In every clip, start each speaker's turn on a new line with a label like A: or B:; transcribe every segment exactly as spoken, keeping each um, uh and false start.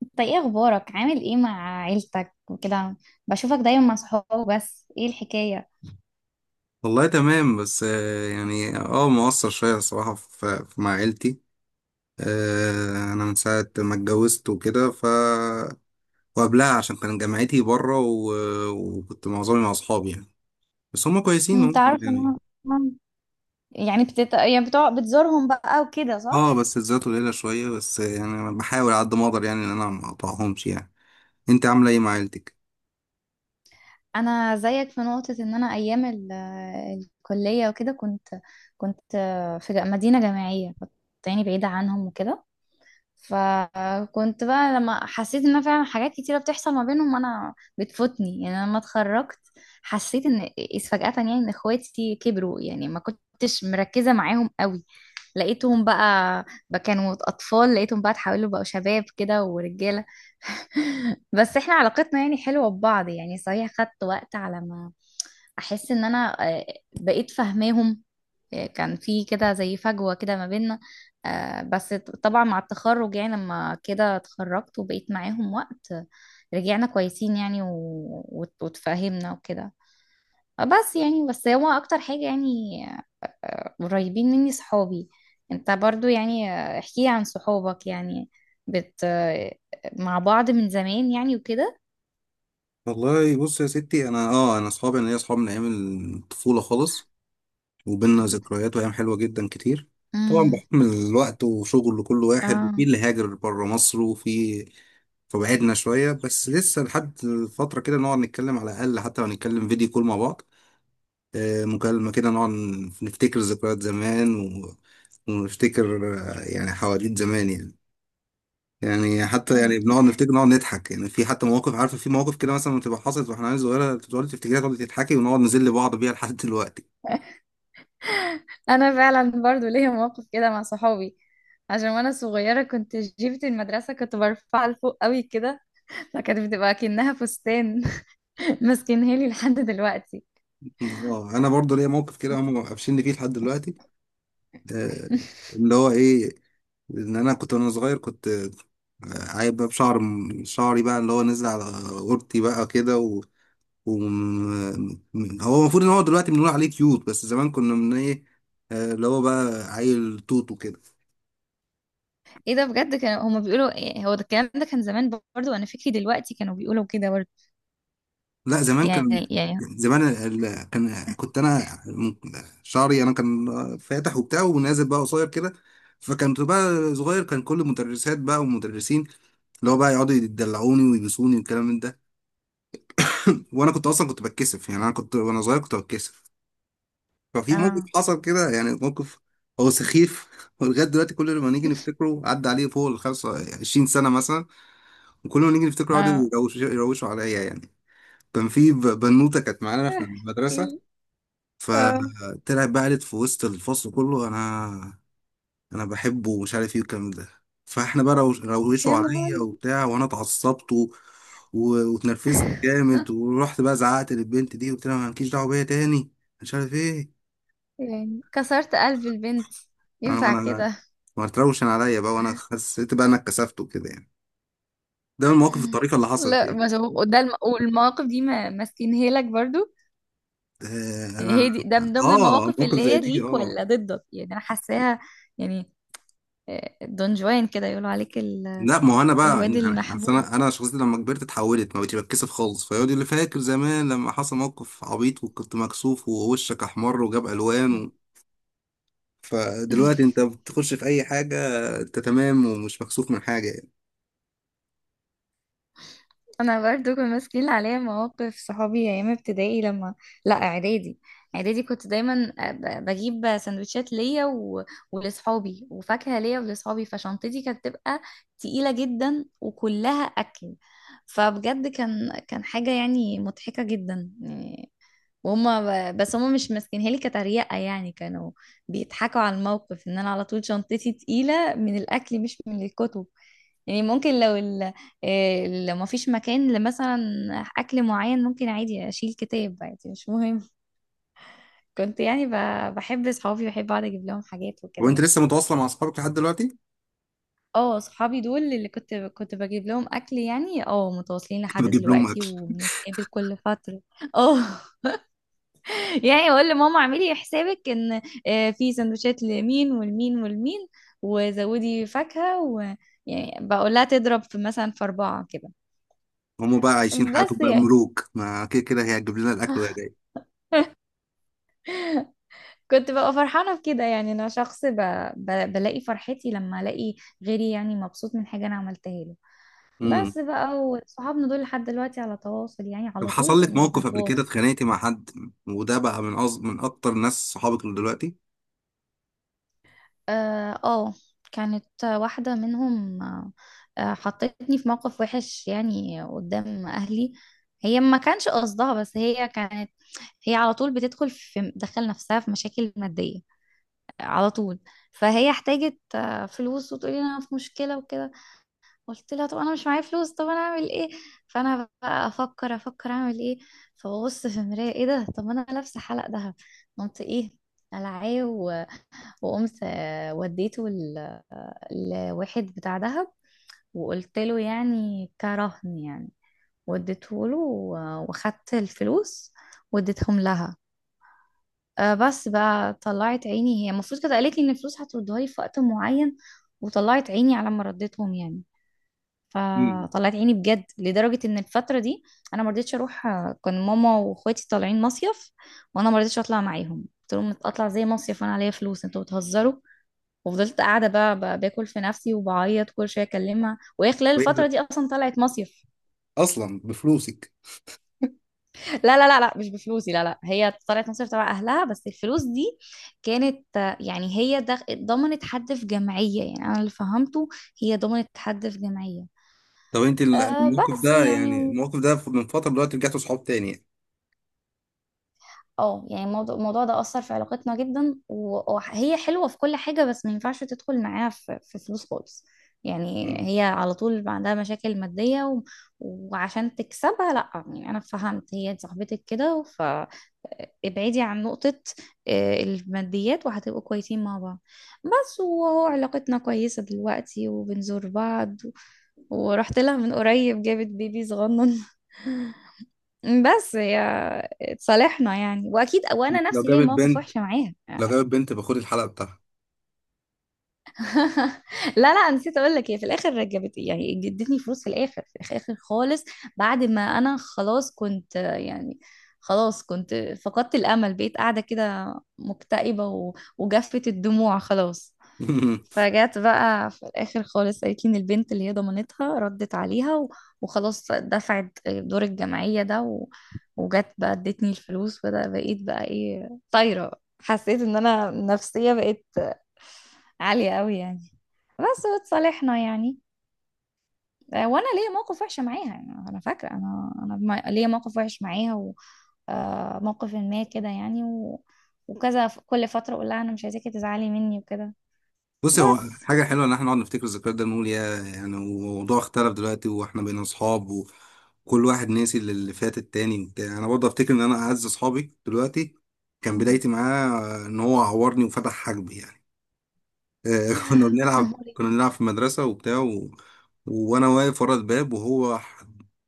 A: طيب، ايه اخبارك؟ عامل ايه مع عيلتك وكده؟ بشوفك دايما مع صحابه، بس ايه الحكاية؟
B: والله تمام، بس آه، يعني اه مقصر شوية الصراحة في في- مع عيلتي. آه، أنا من ساعة ما اتجوزت وكده ف وقبلها عشان كان جامعتي بره و... وكنت معظمي مع أصحابي يعني. بس هما كويسين
A: أم،
B: هم
A: تعرف
B: يعني.
A: ان انا يعني بتت... يعني بتوع... بتزورهم بقى وكده، صح؟
B: اه، بس الذات قليلة شوية، بس يعني أنا بحاول على قد ما أقدر يعني إن أنا ما أقطعهمش يعني. أنت عاملة إيه مع عيلتك؟
A: انا زيك في نقطة، ان انا ايام ال... الكلية وكده كنت كنت في ج- مدينة جامعية، كنت يعني بعيدة عنهم وكده. فكنت بقى لما حسيت ان أنا فعلا حاجات كتيره بتحصل ما بينهم انا بتفوتني، يعني انا لما اتخرجت حسيت ان إذ فجأة يعني ان اخواتي كبروا، يعني ما كنتش مركزه معاهم قوي. لقيتهم بقى بقى كانوا اطفال، لقيتهم بقى اتحولوا بقوا شباب كده ورجاله. بس احنا علاقتنا يعني حلوه ببعض، يعني صحيح خدت وقت على ما احس ان انا آه، بقيت فاهماهم. كان في كده زي فجوة كده ما بيننا. آه، بس طبعا مع التخرج يعني لما كده اتخرجت وبقيت معاهم وقت، رجعنا كويسين يعني و- وت- واتفاهمنا وكده. آه، بس يعني، بس هو اكتر حاجة يعني قريبين مني صحابي. انت برضو يعني، آه، احكي عن صحابك، يعني بت آه، مع بعض من زمان يعني وكده.
B: والله بص يا ستي، أنا اه أنا أصحابي، أنا ليا أصحاب من أيام الطفولة خالص، وبيننا ذكريات وأيام حلوة جدا كتير. طبعا
A: امم.
B: بحكم الوقت وشغل كل واحد، وفي
A: اه،
B: اللي هاجر بره مصر وفي، فبعدنا شوية، بس لسه لحد فترة كده نقعد نتكلم على الأقل، حتى لو نتكلم فيديو كول مع بعض. آه، مكالمة كده نقعد نفتكر ذكريات زمان و... ونفتكر آه، يعني حواديت زمان يعني. يعني حتى يعني بنقعد نفتكر، نقعد نضحك يعني، في حتى مواقف، عارفة في مواقف كده مثلا بتبقى حصلت واحنا عيال صغيرة، تقعدي تفتكريها تقعدي تضحكي، ونقعد نذل بعض بيها لحد دلوقتي.
A: انا فعلا برضو ليا موقف كده مع صحابي، عشان وانا صغيره كنت جيبة المدرسه كنت برفعها لفوق قوي كده، فكانت بتبقى كأنها فستان. ماسكينها لي لحد دلوقتي.
B: اه انا برضه ليا موقف كده هم قافشيني فيه لحد دلوقتي. آه، اللي هو ايه، ان انا كنت وانا صغير كنت آه، عايب بقى بشعر، شعري بقى اللي هو نزل على قورتي بقى كده و... و... م- هو المفروض ان هو دلوقتي بنقول عليه كيوت، بس زمان كنا من ايه، آه، اللي هو بقى عيل توت وكده.
A: ايه ده بجد؟ كانوا هما بيقولوا إيه؟ هو ده الكلام ده كان زمان؟ برضو انا فكري دلوقتي كانوا بيقولوا كده برضو.
B: لا زمان كان،
A: يعني يعني
B: زمان ال- ال- كان كنت انا م- شعري انا كان فاتح وبتاع ونازل بقى قصير كده. فكنت بقى صغير، كان كل المدرسات بقى والمدرسين اللي هو بقى يقعدوا يدلعوني ويبوسوني والكلام من ده. وانا كنت اصلا كنت بتكسف يعني، انا كنت وانا صغير كنت بتكسف. ففي موقف
A: اه،
B: حصل كده يعني، موقف هو سخيف. ولغايه دلوقتي كل ما نيجي نفتكره، عدى عليه فوق ال خمسة وعشرين سنه مثلا، وكل ما نيجي نفتكره
A: اه.
B: يقعدوا يروشوا يروشوا عليا يعني. كان في ب- بنوته كانت معانا في المدرسه،
A: احكيلي. اه.
B: فطلعت بقى قالت في وسط الفصل كله، انا انا بحبه ومش عارف ايه والكلام ده. فاحنا بقى روش- روشوا
A: يا
B: عليا
A: نهاري!
B: وبتاع، وانا اتعصبت و- و- واتنرفزت جامد، ورحت بقى زعقت للبنت دي وقلت لها ما لكيش دعوه بيا تاني، مش عارف ايه.
A: يعني كسرت قلب البنت،
B: انا
A: ينفع
B: انا
A: كده؟
B: ما تروشن عليا بقى، وانا حسيت بقى انا اتكسفت وكده يعني. ده من مواقف الطريقه اللي حصلت
A: لا،
B: يعني.
A: ما هو ده الم... والمواقف دي ما ماسكينها لك برضو.
B: آه،
A: هي
B: انا
A: دي، ده من ضمن
B: اه،
A: المواقف
B: مواقف
A: اللي
B: زي
A: هي
B: دي
A: ليك
B: اه.
A: ولا ضدك؟ يعني انا حاساها، يعني آه، دون جوان كده يقولوا عليك ال-
B: لا ما هو انا بقى
A: الواد
B: إن- انا يعني، أصل
A: المحبوب.
B: انا انا شخصيتي لما كبرت اتحولت، ما بقتش بتكسف خالص. فيقعد يقول لي فاكر زمان لما حصل موقف عبيط وكنت مكسوف ووشك احمر وجاب الوان و... فدلوقتي انت بتخش في اي حاجه، انت تمام ومش مكسوف من حاجه يعني.
A: انا برضو كنت ماسكين عليا مواقف صحابي ايام ابتدائي، لما... لا، اعدادي. اعدادي كنت دايما آه، ب- بجيب سندوتشات ليا و... ولاصحابي، وفاكهه ليا ولاصحابي، فشنطتي كانت تبقى تقيله جدا وكلها اكل. فبجد كان كان حاجه يعني مضحكه جدا يعني. وهم ب- بس هم مش ماسكينها لي كتريقة، يعني كانوا بيضحكوا على الموقف ان انا على طول شنطتي تقيلة من الاكل مش من الكتب. يعني ممكن لو ال ال- لو ما فيش مكان لمثلا اكل معين، ممكن عادي اشيل كتاب، عادي مش مهم. كنت يعني ب- بحب صحابي، بحب اقعد اجيب لهم حاجات
B: وانت
A: وكده.
B: لسه متواصله مع اصحابك لحد دلوقتي؟
A: اه، صحابي دول اللي كنت كنت بجيب لهم اكل يعني. اه، متواصلين لحد
B: بجيب لهم
A: دلوقتي
B: اكل؟
A: وبنتقابل كل فترة. اه. يعني اقول لماما اعملي حسابك ان آه، في سندوتشات لمين والمين والمين، وزودي فاكهة، ويعني بقول لها تضرب في مثلا في أربعة كده.
B: هم بقى عايشين حياتهم
A: بس
B: بقى
A: يعني
B: ملوك، ما كده كده هي هتجيب لنا الاكل وهي جايه.
A: كنت ببقى فرحانة في كده. يعني أنا شخص ب... ب... بلاقي فرحتي لما ألاقي غيري يعني مبسوط من حاجة أنا عملتها له.
B: امم.
A: بس بقى، وصحابنا دول لحد دلوقتي على تواصل، يعني
B: طب
A: على طول
B: حصل لك موقف قبل كده
A: بنتواصل.
B: اتخانقتي مع حد، وده بقى من أص... من اكتر ناس صحابك اللي دلوقتي؟
A: اه. آه، كانت واحدة منهم، آه، آه، حطتني في موقف وحش يعني قدام أهلي. هي ما كانش قصدها، بس هي كانت هي على طول بتدخل في دخل نفسها في مشاكل مادية على طول. فهي احتاجت آه، فلوس، وتقولي انا في مشكلة وكده. قلت لها، طب انا مش معايا فلوس، طب انا اعمل ايه؟ فانا بقى افكر افكر اعمل ايه. فببص في المراية، ايه ده؟ طب انا لابسة حلق دهب! قمت ايه؟ قلعاه و- وقمت آه، وديته لواحد بتاع دهب، وقلت له يعني كرهن يعني. واديته له، واخدت الفلوس، واديتهم لها. آه، بس بقى طلعت عيني. هي المفروض كانت قالت لي ان الفلوس هتردها لي في وقت معين، وطلعت عيني على ما رديتهم يعني.
B: امم،
A: فطلعت عيني بجد لدرجة ان الفترة دي انا ما رضيتش اروح. آه، كان ماما واخواتي طالعين مصيف، وانا ما رضيتش اطلع معاهم، قلت لهم اطلع زي مصيف وانا عليا فلوس؟ انتوا بتهزروا. وفضلت قاعدة بقى ب- باكل في نفسي وبعيط، كل شوية اكلمها وهي خلال
B: كويس.
A: الفترة دي اصلا طلعت مصيف.
B: اصلا بفلوسك.
A: لا، لا، لا، لا، مش بفلوسي. لا، لا، هي طلعت مصيف تبع اهلها. بس الفلوس دي كانت آه، يعني هي دخ... ضمنت حد في جمعية، يعني انا اللي فهمته هي ضمنت حد في جمعية.
B: طب انت ال-
A: أه،
B: الموقف
A: بس
B: ده، يعني
A: يعني.
B: الموقف ده من فترة، دلوقتي رجعتوا صحاب تاني يعني؟
A: اه، يعني الموضوع الموضوع ده أثر في علاقتنا جدا، و- وهي حلوة في كل حاجة، بس ما ينفعش تدخل معاها في في فلوس خالص. يعني
B: مم.
A: هي على طول عندها مشاكل مادية و... وعشان تكسبها، لا يعني، أنا فهمت هي دي صاحبتك كده، ف ابعدي عن نقطة آه، الماديات وهتبقوا كويسين مع بعض. بس، وهو علاقتنا كويسة دلوقتي وبنزور بعض و... ورحت لها من قريب، جابت بيبي صغنن. بس هي اتصالحنا يعني، واكيد وانا
B: لو
A: نفسي ليا
B: جابت
A: مواقف
B: بنت،
A: وحشه معاها.
B: لو جابت بنت باخد الحلقة بتاعها.
A: لا، لا، نسيت اقول لك، هي في الاخر رجبت يعني، ادتني فلوس في الاخر، في الاخر خالص. بعد ما انا خلاص كنت يعني خلاص كنت فقدت الامل، بقيت قاعده كده مكتئبه و- وجفت الدموع خلاص. فجت بقى في الاخر خالص، قالت لي ان البنت اللي هي ضمنتها ردت عليها و- وخلاص دفعت دور الجمعية ده و... وجت بقى ادتني الفلوس، وده بقيت بقى ايه، طايرة. حسيت ان انا نفسية بقيت عالية قوي يعني، بس وتصالحنا يعني. آه، وانا ليا موقف وحش معاها، يعني انا فاكرة انا انا ما- ليا موقف وحش معاها و... آه، موقف ما كده يعني و... وكذا ف- كل فترة اقول لها انا مش عايزاكي تزعلي مني وكده،
B: بصي، هو
A: بس.
B: حاجة حلوة إن احنا نقعد نفتكر الذكريات ده، نقول يا يعني الموضوع اختلف دلوقتي واحنا بقينا صحاب وكل واحد ناسي اللي اللي فات التاني وبتاع. أنا برضه أفتكر إن أنا أعز صحابي دلوقتي، كان بدايتي معاه إن هو عورني وفتح حاجبي يعني. آه، كنا
A: يا
B: بنلعب
A: نهاري!
B: كنا بنلعب في المدرسة وبتاع و... وانا واقف ورا الباب، وهو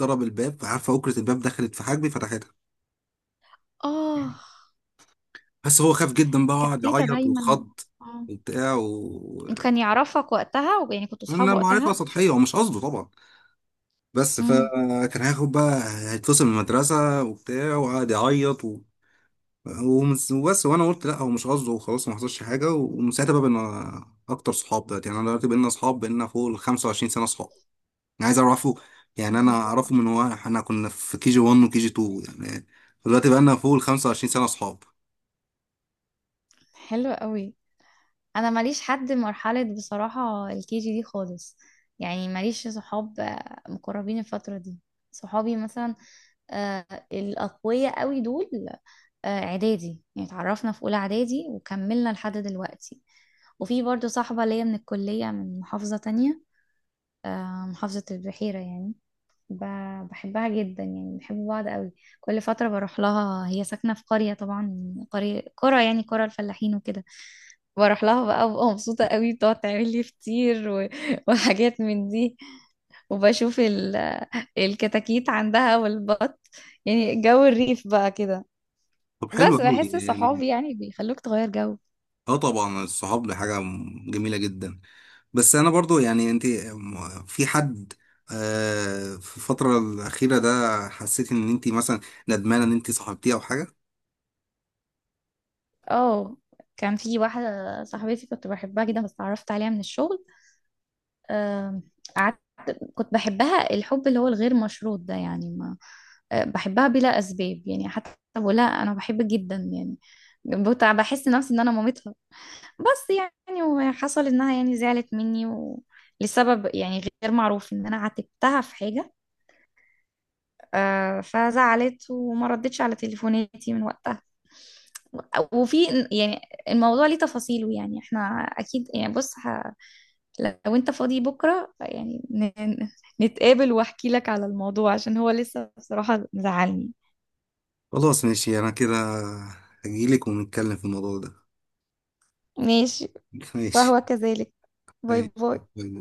B: ضرب الباب، عارفة أكرة الباب دخلت في حاجبي فتحتها.
A: اه،
B: بس هو خاف جدا بقى
A: كانت
B: وقعد
A: تيتا
B: يعيط
A: دايما.
B: واتخض
A: اه.
B: وبتاع و
A: وكان يعرفك وقتها، ويعني كنتوا صحاب
B: انا معرفة
A: وقتها؟
B: سطحية، هو مش قصده طبعا. بس
A: امم.
B: فكان هياخد بقى، هيتفصل من المدرسة وبتاع، وقعد يعيط و... ومس- وبس، وانا قلت لا هو مش قصده وخلاص ما حصلش حاجة. ومن ساعتها بقى بقينا اكتر صحاب، دلوقتي يعني انا دلوقتي بقينا صحاب، بقينا فوق ال خمسة وعشرين سنة صحاب. أنا عايز اعرفه يعني، انا
A: بالظبط.
B: اعرفه من هو، احنا كنا في كي جي واحد وكي جي اتنين يعني. دلوقتي بقى لنا فوق ال خمسة وعشرين سنه اصحاب.
A: حلو قوي. انا ماليش حد مرحله بصراحه الكي جي دي خالص، يعني ماليش صحاب آه، مقربين الفتره دي. صحابي مثلا آه، الاقوياء قوي دول، آه، اعدادي، يعني اتعرفنا في اولى اعدادي وكملنا لحد دلوقتي. وفي برضو صاحبه ليا من الكليه من محافظه تانية، آه، محافظه البحيره يعني. ب- بحبها جدا، يعني بنحب بعض قوي. كل فترة بروح لها، هي ساكنة في قرية، طبعا قرية، قرى يعني قرى الفلاحين وكده. بروح لها بقى وببقى مبسوطة قوي، بتقعد تعمل لي فطير و... وحاجات من دي، وبشوف ال... الكتاكيت عندها والبط، يعني جو الريف بقى كده.
B: طب حلو
A: بس
B: قوي
A: بحس
B: يعني.
A: صحابي يعني بيخلوك تغير جو.
B: اه طبعا الصحاب دي حاجه م- جميله جدا. بس انا برضو يعني، انت م- في حد آه، في الفتره الاخيره ده حسيت ان انت مثلا ندمانه ان انت صاحبتيه او حاجه؟
A: اه، كان في واحدة صاحبتي كنت بحبها جدا، بس اتعرفت عليها من الشغل. آم، قعدت كنت بحبها الحب اللي هو الغير مشروط ده، يعني ما آه، بحبها بلا أسباب يعني، حتى ولا أنا بحبك جدا يعني. بتع- بحس نفسي إن أنا مامتها. بس يعني، وحصل إنها يعني زعلت مني و... لسبب يعني غير معروف، إن أنا عاتبتها في حاجة. آه، فزعلت وما ردتش على تليفوناتي من وقتها، وفي يعني الموضوع ليه تفاصيله، يعني احنا اكيد يعني. بص، ه- لو انت فاضي بكرة يعني ن- ن- نتقابل واحكي لك على الموضوع، عشان هو لسه بصراحة مزعلني.
B: خلاص ماشي، انا كده هجيلك ونتكلم في الموضوع ده.
A: ماشي،
B: ماشي.
A: وهو كذلك. باي باي.
B: ماشي.